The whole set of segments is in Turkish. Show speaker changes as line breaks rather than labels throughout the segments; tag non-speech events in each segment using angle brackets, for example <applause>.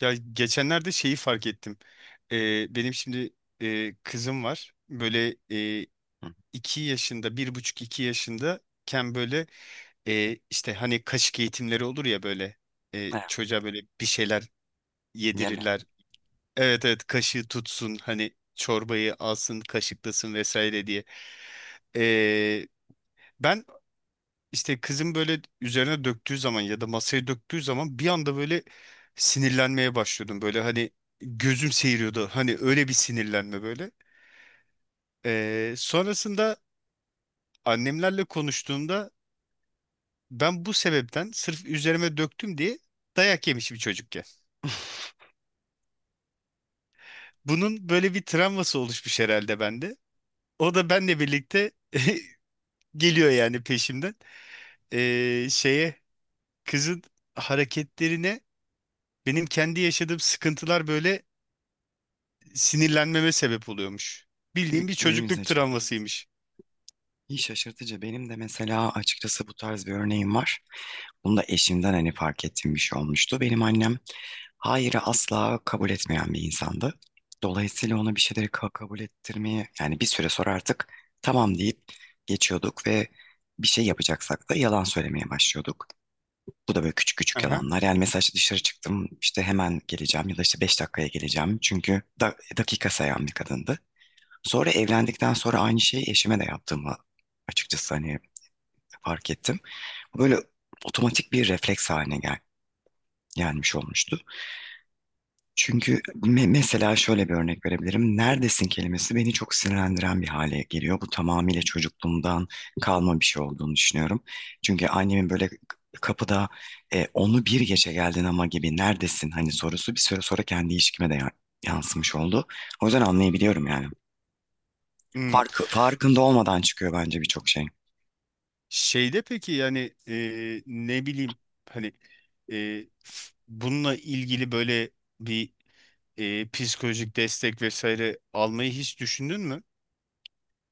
Ya geçenlerde şeyi fark ettim. Benim şimdi kızım var. Böyle
Hı.
iki yaşında, bir buçuk iki yaşındayken böyle işte hani kaşık eğitimleri olur ya böyle
Evet,
çocuğa böyle bir şeyler
yeme.
yedirirler. Evet, evet, kaşığı tutsun hani, çorbayı alsın kaşıklasın vesaire diye. Ee, Ben işte kızın böyle üzerine döktüğü zaman ya da masaya döktüğü zaman bir anda böyle sinirlenmeye başlıyordum. Böyle hani gözüm seyiriyordu. Hani öyle bir sinirlenme böyle. Sonrasında annemlerle konuştuğumda ben bu sebepten sırf üzerime döktüm diye dayak yemişim çocukken. Bunun böyle bir travması oluşmuş herhalde bende. O da benle birlikte <laughs> geliyor yani, peşimden. Şeye Kızın hareketlerine benim kendi yaşadığım sıkıntılar böyle sinirlenmeme sebep oluyormuş. Bildiğim bir
Gün
çocukluk
yüzeceğim.
travmasıymış.
İyi şaşırtıcı. Benim de mesela açıkçası bu tarz bir örneğim var. Bunu da eşimden hani fark ettiğim bir şey olmuştu. Benim annem hayırı asla kabul etmeyen bir insandı. Dolayısıyla ona bir şeyleri kabul ettirmeyi yani bir süre sonra artık tamam deyip geçiyorduk ve bir şey yapacaksak da yalan söylemeye başlıyorduk. Bu da böyle küçük küçük
Aha.
yalanlar. Yani mesela işte dışarı çıktım işte hemen geleceğim ya da işte beş dakikaya geleceğim. Çünkü dakika sayan bir kadındı. Sonra evlendikten sonra aynı şeyi eşime de yaptığımı açıkçası hani fark ettim. Bu böyle otomatik bir refleks haline gelmiş olmuştu. Çünkü mesela şöyle bir örnek verebilirim. Neredesin kelimesi beni çok sinirlendiren bir hale geliyor. Bu tamamıyla çocukluğumdan kalma bir şey olduğunu düşünüyorum. Çünkü annemin böyle kapıda onu bir gece geldin ama gibi neredesin hani sorusu bir süre sonra kendi ilişkime de yansımış oldu. O yüzden anlayabiliyorum yani.
Hmm.
Farkında olmadan çıkıyor bence birçok şey.
Şeyde peki, yani ne bileyim hani bununla ilgili böyle bir psikolojik destek vesaire almayı hiç düşündün mü?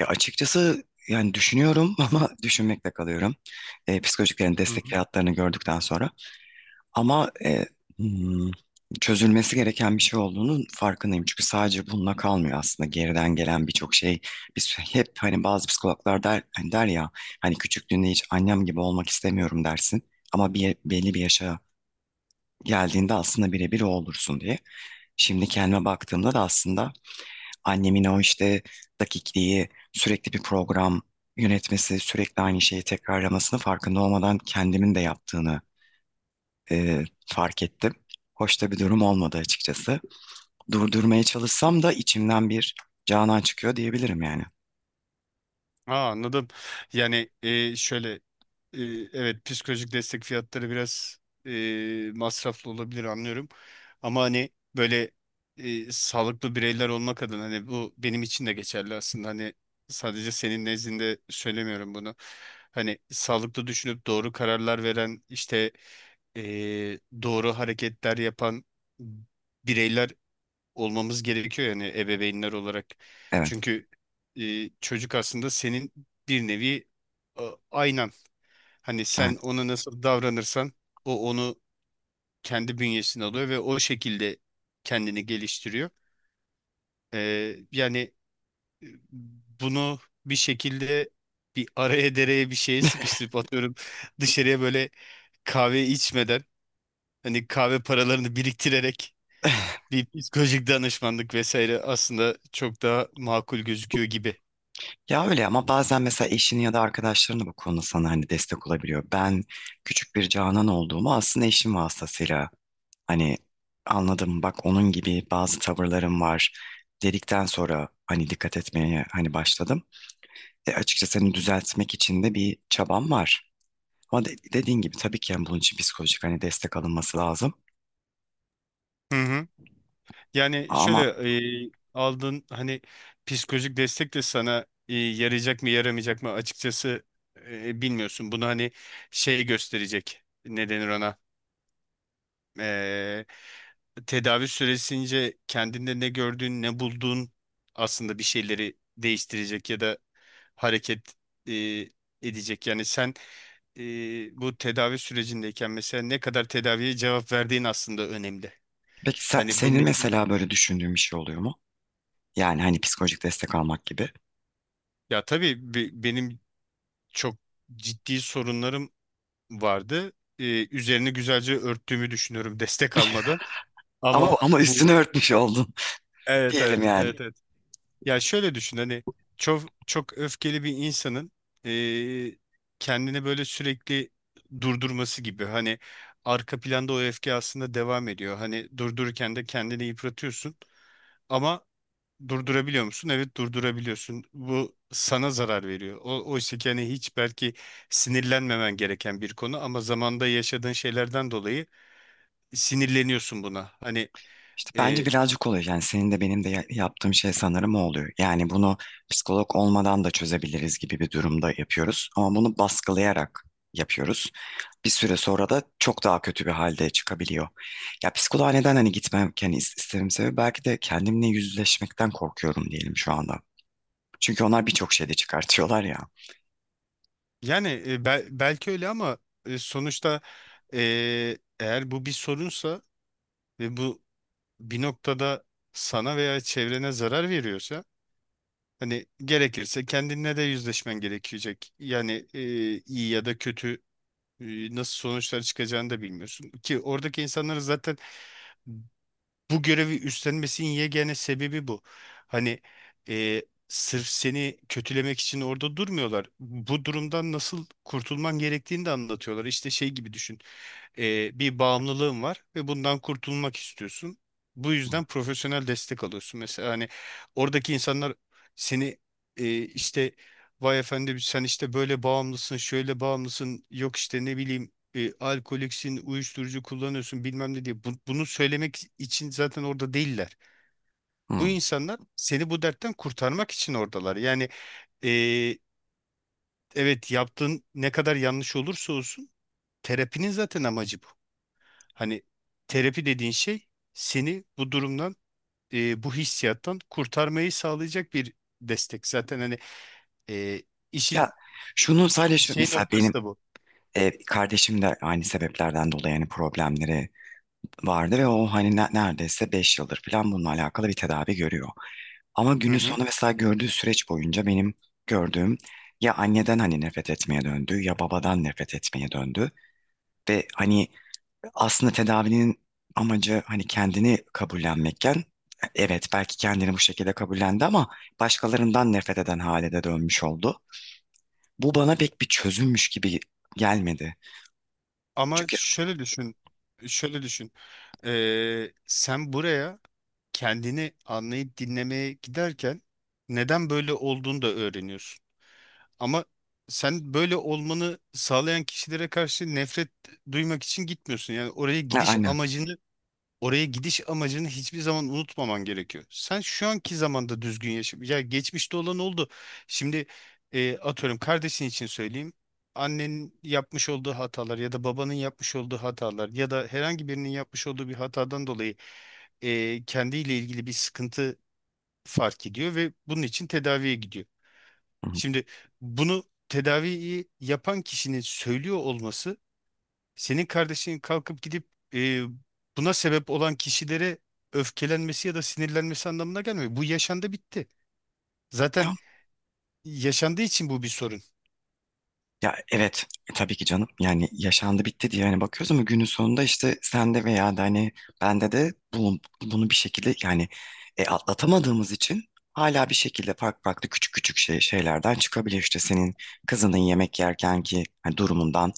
Ya açıkçası yani düşünüyorum <laughs> ama düşünmekle kalıyorum. Psikolojiklerin destekli hatlarını gördükten sonra. Ama hmm, çözülmesi gereken bir şey olduğunun farkındayım. Çünkü sadece bununla kalmıyor aslında. Geriden gelen birçok şey. Biz <laughs> hep hani bazı psikologlar der, hani der ya hani küçüklüğünde hiç annem gibi olmak istemiyorum dersin. Ama belli bir yaşa geldiğinde aslında birebir o olursun diye. Şimdi kendime baktığımda da aslında annemin o işte dakikliği, sürekli bir program yönetmesi, sürekli aynı şeyi tekrarlamasını farkında olmadan kendimin de yaptığını fark ettim. Hoş da bir durum olmadı açıkçası. Durdurmaya çalışsam da içimden bir Canan çıkıyor diyebilirim yani.
Aa, anladım. Yani şöyle, e, evet, psikolojik destek fiyatları biraz masraflı olabilir, anlıyorum. Ama hani böyle sağlıklı bireyler olmak adına, hani bu benim için de geçerli aslında. Hani sadece senin nezdinde söylemiyorum bunu. Hani sağlıklı düşünüp doğru kararlar veren, işte e, doğru hareketler yapan bireyler olmamız gerekiyor yani, ebeveynler olarak.
Evet,
Çünkü çocuk aslında senin bir nevi e, aynan. Hani
yani.
sen ona nasıl davranırsan, o onu kendi bünyesine alıyor ve o şekilde kendini geliştiriyor. Yani e, bunu bir şekilde bir araya dereye bir şeye sıkıştırıp atıyorum <laughs> dışarıya, böyle kahve içmeden, hani kahve paralarını biriktirerek
<laughs>
bir psikolojik danışmanlık vesaire, aslında çok daha makul gözüküyor gibi.
Ya öyle ama bazen mesela eşini ya da arkadaşların bu konuda sana hani destek olabiliyor. Ben küçük bir Canan olduğumu aslında eşim vasıtasıyla hani anladım, bak onun gibi bazı tavırlarım var dedikten sonra hani dikkat etmeye hani başladım. Açıkçası hani düzeltmek için de bir çabam var. Ama dediğin gibi tabii ki yani bunun için psikolojik hani destek alınması lazım.
Hı hı. Yani şöyle,
Ama
aldığın hani psikolojik destek de sana yarayacak mı yaramayacak mı, açıkçası bilmiyorsun. Bunu hani şey gösterecek, ne denir ona, eee, tedavi süresince kendinde ne gördüğün, ne bulduğun aslında bir şeyleri değiştirecek ya da hareket eee, edecek. Yani sen bu tedavi sürecindeyken mesela ne kadar tedaviye cevap verdiğin aslında önemli.
peki
Hani bunun
senin
için,
mesela böyle düşündüğün bir şey oluyor mu? Yani hani psikolojik destek almak gibi.
ya tabii benim çok ciddi sorunlarım vardı. Üzerini güzelce örttüğümü düşünüyorum <laughs> destek almadan.
Ama
Ama bu,
üstünü örtmüş oldun <laughs>
evet,
diyelim
evet,
yani.
evet, evet. Ya şöyle düşün, hani çok çok öfkeli bir insanın eee, kendini böyle sürekli durdurması gibi, hani arka planda o öfke aslında devam ediyor. Hani durdururken de kendini yıpratıyorsun ama durdurabiliyor musun? Evet, durdurabiliyorsun. Bu sana zarar veriyor. O, oysa ki hani hiç belki sinirlenmemen gereken bir konu ama zamanda yaşadığın şeylerden dolayı sinirleniyorsun buna. Hani
İşte bence
eee,
birazcık oluyor. Yani senin de benim de yaptığım şey sanırım o oluyor. Yani bunu psikolog olmadan da çözebiliriz gibi bir durumda yapıyoruz. Ama bunu baskılayarak yapıyoruz. Bir süre sonra da çok daha kötü bir halde çıkabiliyor. Ya psikoloğa neden hani gitmem hani istemem sebebi belki de kendimle yüzleşmekten korkuyorum diyelim şu anda. Çünkü onlar birçok şeyde çıkartıyorlar ya.
yani belki öyle ama sonuçta, eğer bu bir sorunsa ve bu bir noktada sana veya çevrene zarar veriyorsa, hani gerekirse kendinle de yüzleşmen gerekecek. Yani iyi ya da kötü, nasıl sonuçlar çıkacağını da bilmiyorsun. Ki oradaki insanların zaten bu görevi üstlenmesinin yegane sebebi bu. Hani e, sırf seni kötülemek için orada durmuyorlar. Bu durumdan nasıl kurtulman gerektiğini de anlatıyorlar. İşte şey gibi düşün. Bir bağımlılığın var ve bundan kurtulmak istiyorsun. Bu yüzden profesyonel destek alıyorsun. Mesela hani oradaki insanlar seni işte, vay efendim sen işte böyle bağımlısın, şöyle bağımlısın, yok işte ne bileyim alkoliksin, uyuşturucu kullanıyorsun bilmem ne diye. Bunu söylemek için zaten orada değiller.
Hmm.
Bu insanlar seni bu dertten kurtarmak için oradalar. Yani e, evet, yaptığın ne kadar yanlış olursa olsun terapinin zaten amacı bu. Hani terapi dediğin şey seni bu durumdan, bu hissiyattan kurtarmayı sağlayacak bir destek. Zaten hani e,
Ya
işin
şunu sadece
şey
mesela
noktası
benim
da bu.
kardeşim de aynı sebeplerden dolayı yani problemleri vardı ve o hani neredeyse 5 yıldır falan bununla alakalı bir tedavi görüyor. Ama
Hı
günün
hı.
sonu mesela gördüğü süreç boyunca benim gördüğüm ya anneden hani nefret etmeye döndü ya babadan nefret etmeye döndü. Ve hani aslında tedavinin amacı hani kendini kabullenmekken evet belki kendini bu şekilde kabullendi ama başkalarından nefret eden hale de dönmüş oldu. Bu bana pek bir çözümmüş gibi gelmedi.
Ama
Çünkü
şöyle düşün, şöyle düşün. E, sen buraya kendini anlayıp dinlemeye giderken neden böyle olduğunu da öğreniyorsun. Ama sen böyle olmanı sağlayan kişilere karşı nefret duymak için gitmiyorsun.
ha, aynen.
Oraya gidiş amacını hiçbir zaman unutmaman gerekiyor. Sen şu anki zamanda düzgün yaşa. Ya geçmişte olan oldu. Şimdi atıyorum, kardeşin için söyleyeyim. Annenin yapmış olduğu hatalar ya da babanın yapmış olduğu hatalar ya da herhangi birinin yapmış olduğu bir hatadan dolayı kendiyle ilgili bir sıkıntı fark ediyor ve bunun için tedaviye gidiyor.
Hı
Şimdi bunu, tedaviyi yapan kişinin söylüyor olması, senin kardeşin kalkıp gidip e, buna sebep olan kişilere öfkelenmesi ya da sinirlenmesi anlamına gelmiyor. Bu yaşandı bitti.
hı.
Zaten yaşandığı için bu bir sorun.
Ya evet tabii ki canım yani yaşandı bitti diye hani bakıyoruz ama günün sonunda işte sende veya da hani bende de bunu bir şekilde yani atlatamadığımız için hala bir şekilde farklı farklı küçük küçük şeylerden çıkabiliyor işte senin kızının yemek yerken ki hani durumundan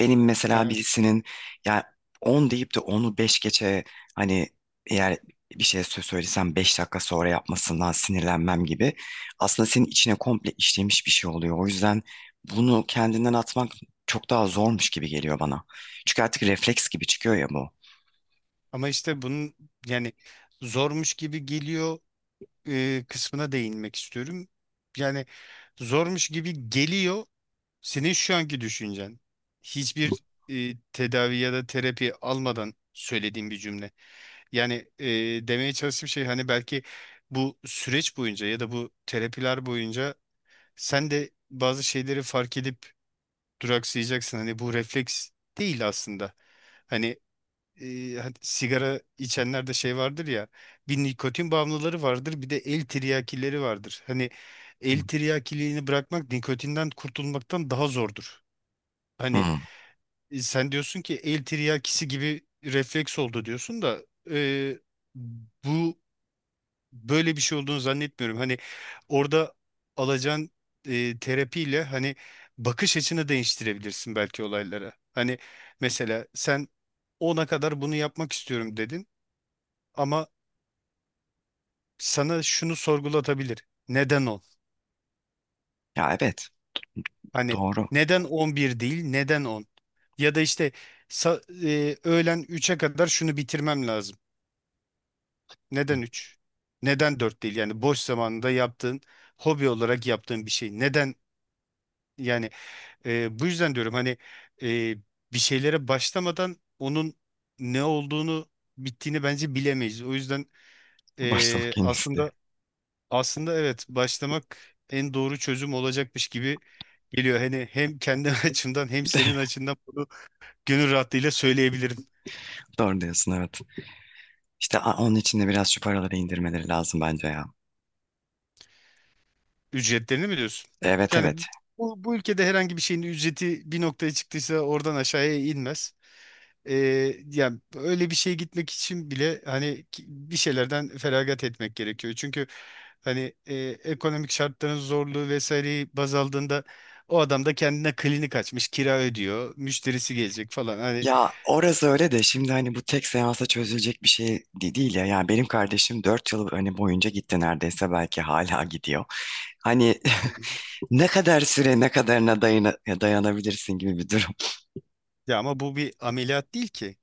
benim mesela
Evet.
birisinin ya 10 deyip de onu 5 geçe hani eğer bir şey söylesem 5 dakika sonra yapmasından sinirlenmem gibi aslında senin içine komple işlemiş bir şey oluyor o yüzden bunu kendinden atmak çok daha zormuş gibi geliyor bana. Çünkü artık refleks gibi çıkıyor ya bu.
Ama işte bunun, yani zormuş gibi geliyor kısmına değinmek istiyorum. Yani zormuş gibi geliyor senin şu anki düşüncen. Hiçbir tedavi ya da terapi almadan söylediğim bir cümle. Yani demeye çalıştığım şey, hani belki bu süreç boyunca ya da bu terapiler boyunca sen de bazı şeyleri fark edip duraksayacaksın. Hani bu refleks değil aslında. Hani e, hani sigara içenlerde şey vardır ya, bir nikotin bağımlıları vardır, bir de el tiryakileri vardır. Hani
Hı.
el tiryakiliğini bırakmak nikotinden kurtulmaktan daha zordur.
Hı.
Hani sen diyorsun ki el tiryakisi gibi refleks oldu diyorsun da e, bu böyle bir şey olduğunu zannetmiyorum. Hani orada alacağın terapiyle, hani bakış açını değiştirebilirsin belki olaylara. Hani mesela sen 10'a kadar bunu yapmak istiyorum dedin, ama sana şunu sorgulatabilir. Neden 10?
Ya evet,
Hani
doğru.
neden 11 değil, neden 10? Ya da işte öğlen üç'e kadar şunu bitirmem lazım. Neden 3? Neden 4 değil? Yani boş zamanında yaptığın, hobi olarak yaptığın bir şey. Neden yani? Bu yüzden diyorum hani e, bir şeylere başlamadan onun ne olduğunu, bittiğini bence bilemeyiz. O yüzden
<laughs> Başlamak
e,
en iyisi diye.
aslında aslında evet, başlamak en doğru çözüm olacakmış gibi geliyor. Hani hem kendi <laughs> açımdan hem senin
<laughs>
açından bunu gönül rahatlığıyla söyleyebilirim.
Doğru diyorsun evet. İşte onun için de biraz şu paraları indirmeleri lazım bence ya.
Ücretlerini mi diyorsun?
Evet,
Yani
evet.
bu, bu ülkede herhangi bir şeyin ücreti bir noktaya çıktıysa oradan aşağıya inmez. Ee, Yani öyle bir şeye gitmek için bile hani bir şeylerden feragat etmek gerekiyor. Çünkü hani ekonomik şartların zorluğu vesaireyi baz aldığında o adam da kendine klinik açmış, kira ödüyor, müşterisi gelecek falan. Hani
Ya orası öyle de şimdi hani bu tek seansa çözülecek bir şey değil ya. Yani benim kardeşim 4 yıl hani boyunca gitti neredeyse belki hala gidiyor. Hani <laughs> ne kadar süre ne kadarına dayanabilirsin gibi bir durum. <laughs>
ya, ama bu bir ameliyat değil ki.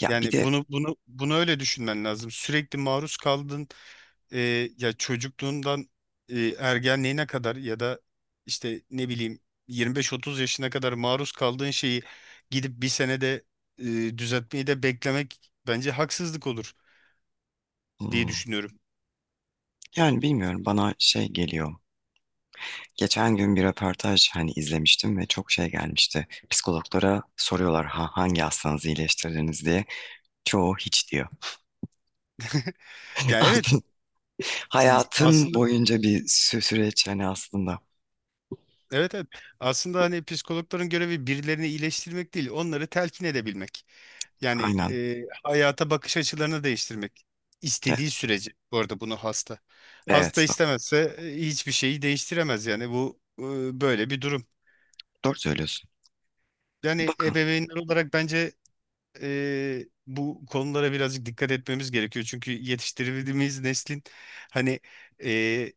Ya bir
Yani
de
bunu öyle düşünmen lazım. Sürekli maruz kaldın. e, Ya çocukluğundan ergenliğine kadar ya da işte ne bileyim 25-30 yaşına kadar maruz kaldığın şeyi gidip bir senede e, düzeltmeyi de beklemek bence haksızlık olur diye
hmm,
düşünüyorum.
yani bilmiyorum bana şey geliyor. Geçen gün bir röportaj hani izlemiştim ve çok şey gelmişti. Psikologlara soruyorlar, ha, hangi hastanızı iyileştirdiniz diye. Çoğu hiç diyor.
<laughs> Ya evet,
Aldın. Hayatın
aslında,
boyunca bir süreç yani aslında.
evet evet. Aslında hani psikologların görevi birilerini iyileştirmek değil, onları telkin edebilmek. Yani
Aynen.
hayata bakış açılarını değiştirmek.
Evet,
İstediği sürece, bu arada, bunu hasta.
evet
Hasta istemezse hiçbir şeyi değiştiremez, yani bu böyle bir durum.
doğru söylüyorsun.
Yani
Bakın.
ebeveynler olarak bence bu konulara birazcık dikkat etmemiz gerekiyor. Çünkü yetiştirdiğimiz neslin, hani e,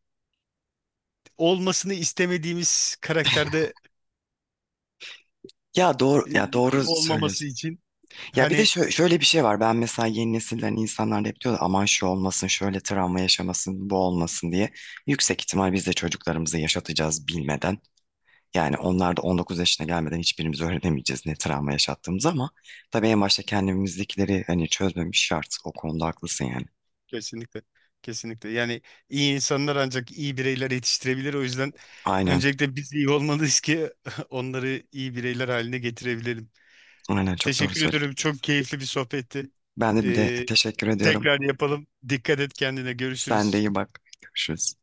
olmasını istemediğimiz karakterde
Ya doğru,
e,
ya doğru
olmaması
söylüyorsun.
için
Ya bir de
hani.
şöyle bir şey var. Ben mesela, yeni nesilden insanlar da hep diyor aman şu olmasın, şöyle travma yaşamasın, bu olmasın diye. Yüksek ihtimal biz de çocuklarımızı yaşatacağız bilmeden. Yani onlar da 19 yaşına gelmeden hiçbirimiz öğrenemeyeceğiz ne travma yaşattığımızı, ama tabii en başta kendimizdekileri hani çözmemiş şart. O konuda haklısın yani.
Kesinlikle. Kesinlikle. Yani iyi insanlar ancak iyi bireyler yetiştirebilir. O yüzden
Aynen.
öncelikle biz iyi olmalıyız ki <laughs> onları iyi bireyler haline getirebilelim.
Aynen çok doğru
Teşekkür
söylüyorsun.
ederim. Çok keyifli bir sohbetti.
Ben de
Ee,
teşekkür ediyorum.
Tekrar yapalım. Dikkat et kendine.
Sen de
Görüşürüz.
iyi bak. Görüşürüz.